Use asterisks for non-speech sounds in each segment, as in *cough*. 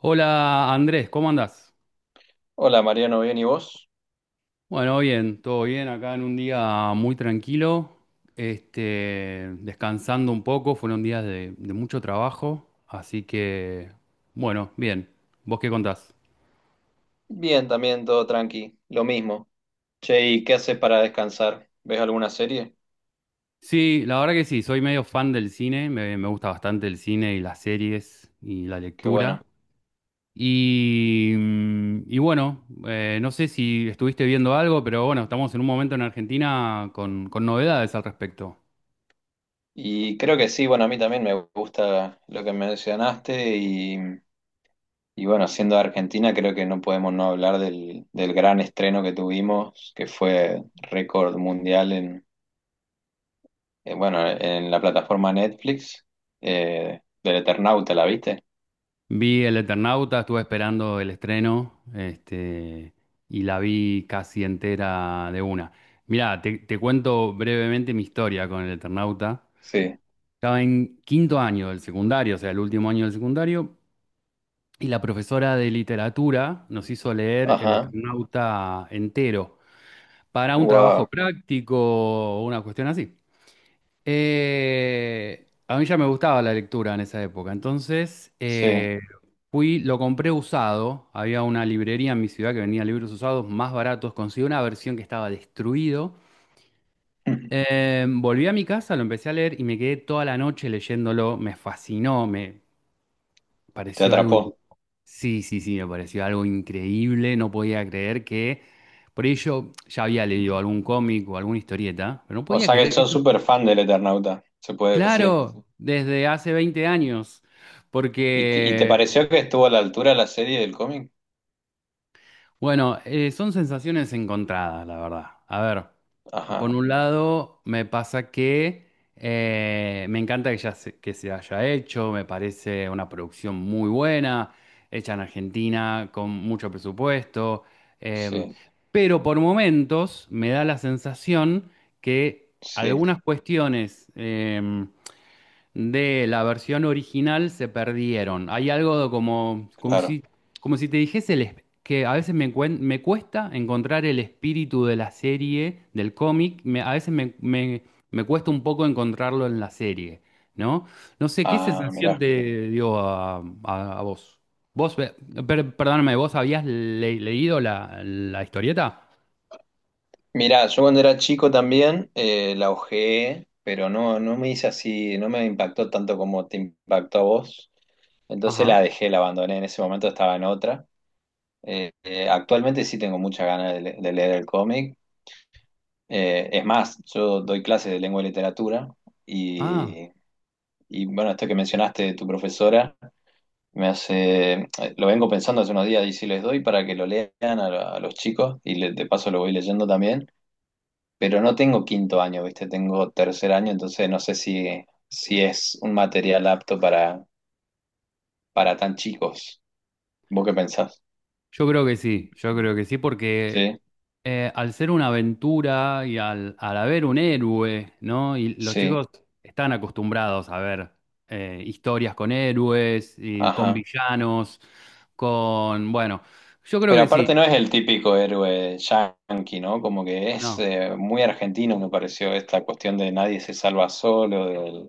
Hola Andrés, ¿cómo andás? Hola Mariano, ¿bien y vos? Bueno, bien, todo bien, acá en un día muy tranquilo, este, descansando un poco, fueron días de mucho trabajo, así que, bueno, bien, ¿vos qué contás? Bien, también todo tranqui, lo mismo. Che, ¿y qué haces para descansar? ¿Ves alguna serie? Sí, la verdad que sí, soy medio fan del cine, me gusta bastante el cine y las series y la Qué bueno. lectura. Y, y bueno, no sé si estuviste viendo algo, pero bueno, estamos en un momento en Argentina con novedades al respecto. Y creo que sí, bueno, a mí también me gusta lo que mencionaste y bueno, siendo de Argentina creo que no podemos no hablar del gran estreno que tuvimos, que fue récord mundial bueno, en la plataforma Netflix, del Eternauta, ¿la viste? Vi El Eternauta, estuve esperando el estreno, este, y la vi casi entera de una. Mirá, te cuento brevemente mi historia con El Eternauta. Sí. Estaba en quinto año del secundario, o sea, el último año del secundario, y la profesora de literatura nos hizo leer El Ajá, Eternauta entero para un trabajo wow, práctico o una cuestión así. A mí ya me gustaba la lectura en esa época, entonces sí, fui, lo compré usado, había una librería en mi ciudad que vendía libros usados más baratos, conseguí una versión que estaba destruido. *laughs* Volví a mi casa, lo empecé a leer y me quedé toda la noche leyéndolo, me fascinó, me te pareció atrapó. sí, sí, sí, me pareció algo increíble, no podía creer que, por ello ya había leído algún cómic o alguna historieta, pero no O podía sea que creer que... sos súper fan del Eternauta, se puede decir. Claro, desde hace 20 años, ¿Y te porque, pareció que estuvo a la altura la serie del cómic? bueno, son sensaciones encontradas, la verdad. A ver, por Ajá, un lado, me pasa que me encanta que, ya se, que se haya hecho, me parece una producción muy buena, hecha en Argentina, con mucho presupuesto, em, sí, pero por momentos me da la sensación que sí, algunas cuestiones de la versión original se perdieron. Hay algo claro. Como si te dijese que a veces me cuesta encontrar el espíritu de la serie, del cómic, me- a veces me, me- me cuesta un poco encontrarlo en la serie, ¿no? No sé, ¿qué Ah, sensación mirá. te dio a vos? Vos, perdóname, ¿vos leído la historieta? Mirá, yo cuando era chico también la ojeé, pero no, no me hice así, no me impactó tanto como te impactó a vos. Entonces Ajá. la dejé, la abandoné. En ese momento estaba en otra. Actualmente sí tengo muchas ganas de leer el cómic. Es más, yo doy clases de lengua y literatura. Ah. Y Y bueno, esto que mencionaste de tu profesora me hace, lo vengo pensando hace unos días y si les doy para que lo lean a los chicos y de paso lo voy leyendo también, pero no tengo quinto año, ¿viste? Tengo tercer año, entonces no sé si es un material apto para tan chicos. ¿Vos qué pensás? Yo creo que sí, yo creo que sí, porque Sí, al ser una aventura y al haber un héroe, ¿no? Y los sí, chicos están acostumbrados a ver historias con héroes y con ajá. villanos, con... Bueno, yo creo Pero que aparte sí, no es el típico héroe yanqui, ¿no? Como que es ¿no? Muy argentino, me pareció, esta cuestión de nadie se salva solo, del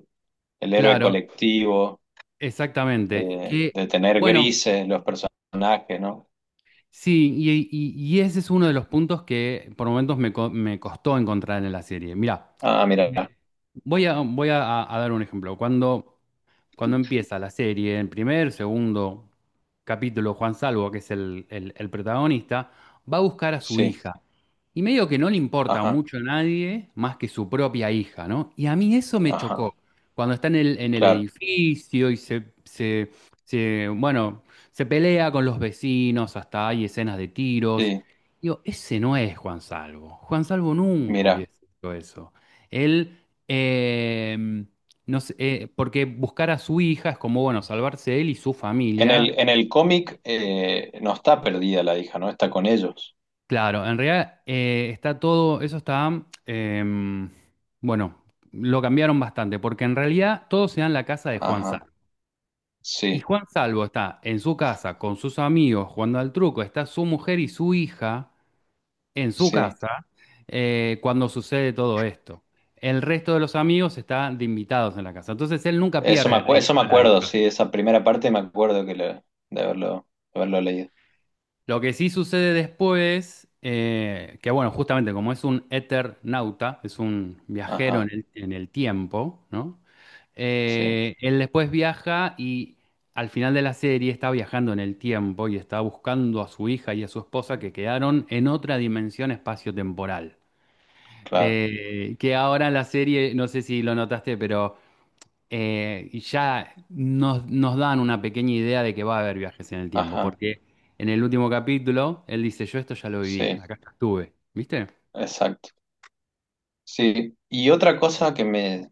el héroe Claro, colectivo. exactamente. de, Que, de tener bueno, grises los personajes, ¿no? sí, y ese es uno de los puntos que por momentos me costó encontrar en la serie. Mirá. Ah, mira, Voy a dar un ejemplo. Cuando, cuando empieza la serie, en primer, segundo capítulo, Juan Salvo, que es el protagonista, va a buscar a su sí, hija. Y medio que no le importa ajá, mucho a nadie más que su propia hija, ¿no? Y a mí eso me ajá, chocó. Cuando está en en el claro, edificio y bueno, se pelea con los vecinos, hasta hay escenas de tiros. sí, Digo, ese no es Juan Salvo. Juan Salvo nunca mira. hubiese hecho eso. Él, eh, no sé, porque buscar a su hija es como, bueno, salvarse él y su En familia. el, en el cómic, no está perdida la hija, ¿no? Está con ellos. Claro, en realidad está todo, eso está. Bueno, lo cambiaron bastante, porque en realidad todo se da en la casa de Juan Ajá, Salvo. Y sí, Juan Salvo está en su casa con sus amigos jugando al truco, está su mujer y su hija en su sí. casa cuando sucede todo esto. El resto de los amigos están de invitados en la casa. Entonces él nunca pierde a Eso me a la acuerdo, hija. sí, esa primera parte me acuerdo de haberlo, de haberlo leído. Lo que sí sucede después, que bueno, justamente como es un eternauta, es un viajero en Ajá, en el tiempo, ¿no? sí, Él después viaja y al final de la serie está viajando en el tiempo y está buscando a su hija y a su esposa que quedaron en otra dimensión espacio-temporal. claro, Que ahora en la serie, no sé si lo notaste, pero nos dan una pequeña idea de que va a haber viajes en el tiempo, ajá, porque en el último capítulo él dice, yo esto ya lo viví, sí, acá ya estuve, ¿viste? exacto. Sí, y otra cosa que me,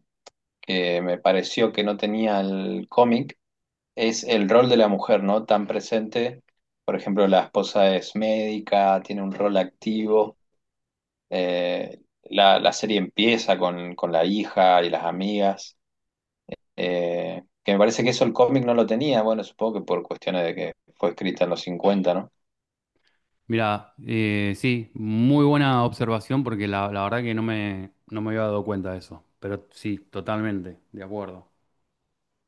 que me pareció que no tenía el cómic es el rol de la mujer, ¿no? Tan presente. Por ejemplo, la esposa es médica, tiene un rol activo. La serie empieza con la hija y las amigas. Que me parece que eso el cómic no lo tenía. Bueno, supongo que por cuestiones de que fue escrita en los 50, ¿no? Mira, sí, muy buena observación porque la verdad que no no me había dado cuenta de eso, pero sí, totalmente, de acuerdo.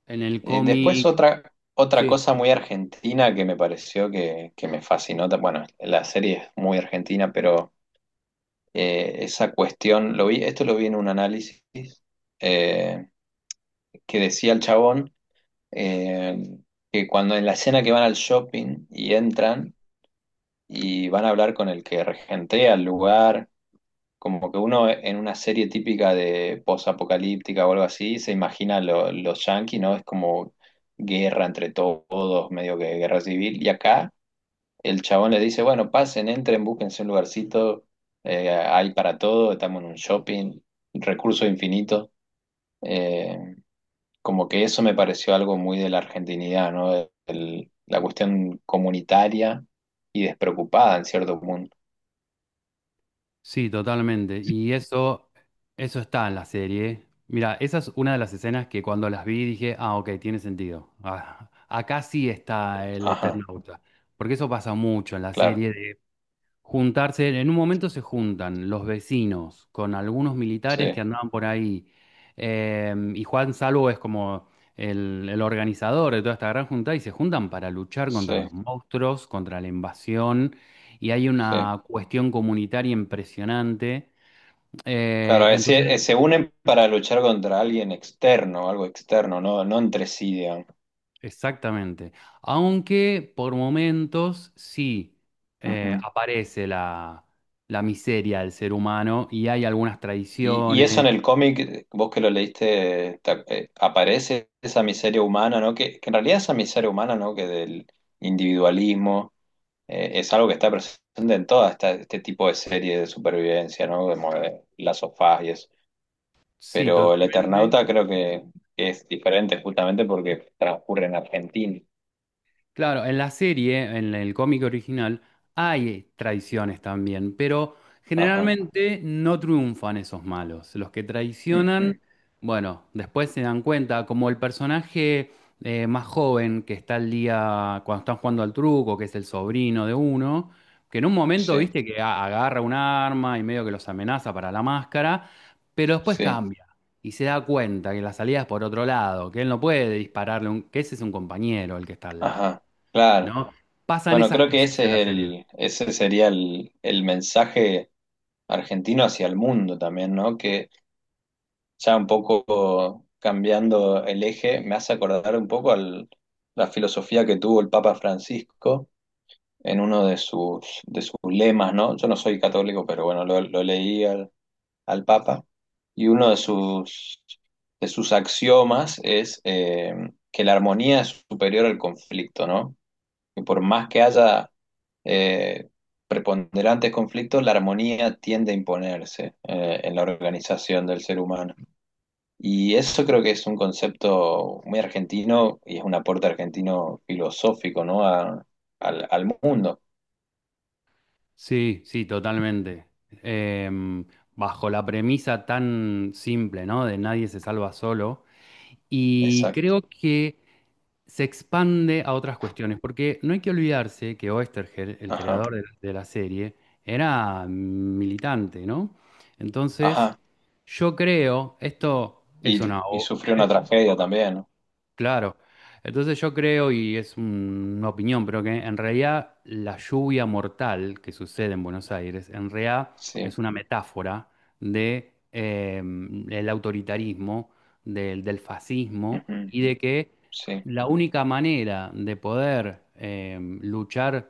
En el Después cómic, otra sí. cosa muy argentina que me pareció que me fascinó. Bueno, la serie es muy argentina, pero esa cuestión, lo vi, esto lo vi en un análisis. eh, que decía el chabón, eh, que cuando en la escena que van al shopping y entran y van a hablar con el que regentea el lugar, como que uno en una serie típica de posapocalíptica o algo así se imagina los yanquis, ¿no? Es como guerra entre todos, medio que guerra civil. Y acá el chabón le dice, bueno, pasen, entren, búsquense un lugarcito, hay para todo, estamos en un shopping, recursos infinitos. Como que eso me pareció algo muy de la argentinidad, ¿no? La cuestión comunitaria y despreocupada en cierto punto. Sí, totalmente. Y eso está en la serie. Mira, esa es una de las escenas que cuando las vi dije, ah, ok, tiene sentido. Ah, acá sí está el Ajá, Eternauta. Porque eso pasa mucho en la claro, serie de juntarse, en un momento se juntan los vecinos con algunos sí, militares que andaban por ahí. Y Juan Salvo es como el organizador de toda esta gran junta y se juntan para luchar sí, contra los monstruos, contra la invasión, y hay sí. una cuestión comunitaria impresionante. Eh, Claro, sí, se entonces, unen para luchar contra alguien externo, algo externo, no, no entre sí, digamos. exactamente. Aunque por momentos sí Ujú. aparece la miseria del ser humano y hay algunas Y eso tradiciones. en el cómic, vos que lo leíste, aparece esa miseria humana, ¿no? Que en realidad esa miseria humana, ¿no? Que del individualismo es algo que está presente en toda este tipo de series de supervivencia, ¿no? Como de las sofás y eso. Sí, Pero el totalmente. Eternauta creo que es diferente justamente porque transcurre en Argentina. Claro, en la serie, en el cómic original, hay traiciones también, pero Ajá. generalmente no triunfan esos malos. Los que traicionan, Ujú. bueno, después se dan cuenta, como el personaje más joven que está al día cuando están jugando al truco, que es el sobrino de uno, que en un momento, Sí, viste, que agarra un arma y medio que los amenaza para la máscara, pero después sí. cambia. Y se da cuenta que la salida es por otro lado, que él no puede dispararle, que ese es un compañero el que está al lado. Ajá. Claro. ¿No? Pasan Bueno, esas creo que cosas en la ese es serie. Ese sería el mensaje argentino hacia el mundo también, ¿no? Que ya un poco cambiando el eje, me hace acordar un poco la filosofía que tuvo el Papa Francisco en uno de sus lemas, ¿no? Yo no soy católico, pero bueno, lo leí al Papa, y uno de sus axiomas es que la armonía es superior al conflicto, ¿no? Que por más que haya eh, preponderantes conflictos, la armonía tiende a imponerse en la organización del ser humano. Y eso creo que es un concepto muy argentino y es un aporte argentino filosófico, ¿no? Al mundo. Sí, sí, totalmente. Em, Bajo la premisa tan simple, ¿no? De nadie se salva solo. Y Exacto. creo que se expande a otras cuestiones, porque no hay que olvidarse que Oesterheld, el Ajá, creador de la serie, era militante, ¿no? Entonces, ajá. yo creo, esto es Y, una... y sufrió una tragedia también, ¿no? Claro. Entonces yo creo, y es una opinión, pero que en realidad la lluvia mortal que sucede en Buenos Aires, en realidad Sí, es una metáfora de el autoritarismo, del fascismo, ujú, y de que sí. la única manera de poder luchar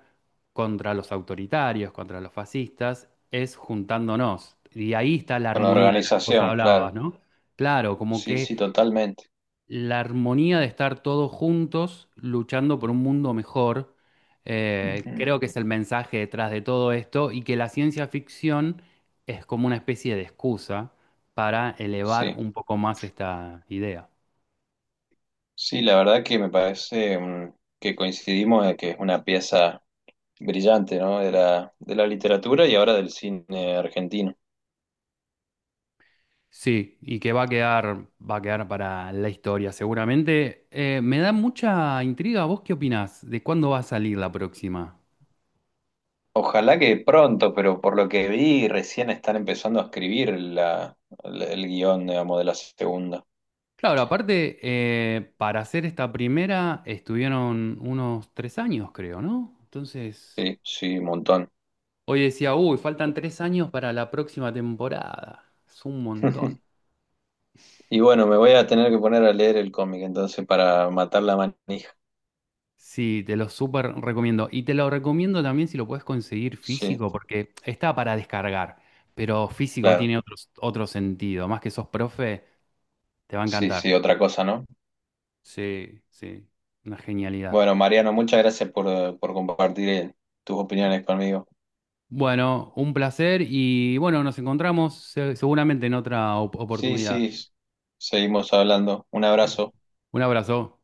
contra los autoritarios, contra los fascistas, es juntándonos. Y ahí está la Con la armonía de la que vos organización, hablabas, claro. ¿no? Claro, como Sí, sí, que totalmente. la armonía de estar todos juntos luchando por un mundo mejor, Ujú, creo que es el mensaje detrás de todo esto y que la ciencia ficción es como una especie de excusa para elevar sí, un poco más esta idea. sí, la verdad que me parece, que coincidimos en que es una pieza brillante, ¿no? De la literatura y ahora del cine argentino. Sí, y que va a quedar para la historia seguramente. Me da mucha intriga, ¿vos qué opinás? ¿De cuándo va a salir la próxima? Ojalá que pronto, pero por lo que vi, recién están empezando a escribir el guión, digamos, de la segunda. Claro, aparte, para hacer esta primera estuvieron unos 3 años, creo, ¿no? Entonces, Sí, sí, un montón. hoy decía, uy, faltan 3 años para la próxima temporada. Es un montón. Y bueno, me voy a tener que poner a leer el cómic entonces para matar la manija. Sí, te lo súper recomiendo. Y te lo recomiendo también si lo puedes conseguir Sí, físico, porque está para descargar, pero físico claro. tiene otro, otro sentido. Más que sos profe, te va a Sí, encantar. sí, otra cosa, ¿no? Sí, sí, una genialidad. Bueno, Mariano, muchas gracias por compartir tus opiniones conmigo. Bueno, un placer y bueno, nos encontramos seguramente en otra Sí, oportunidad. sí, seguimos hablando. Un abrazo. Un abrazo.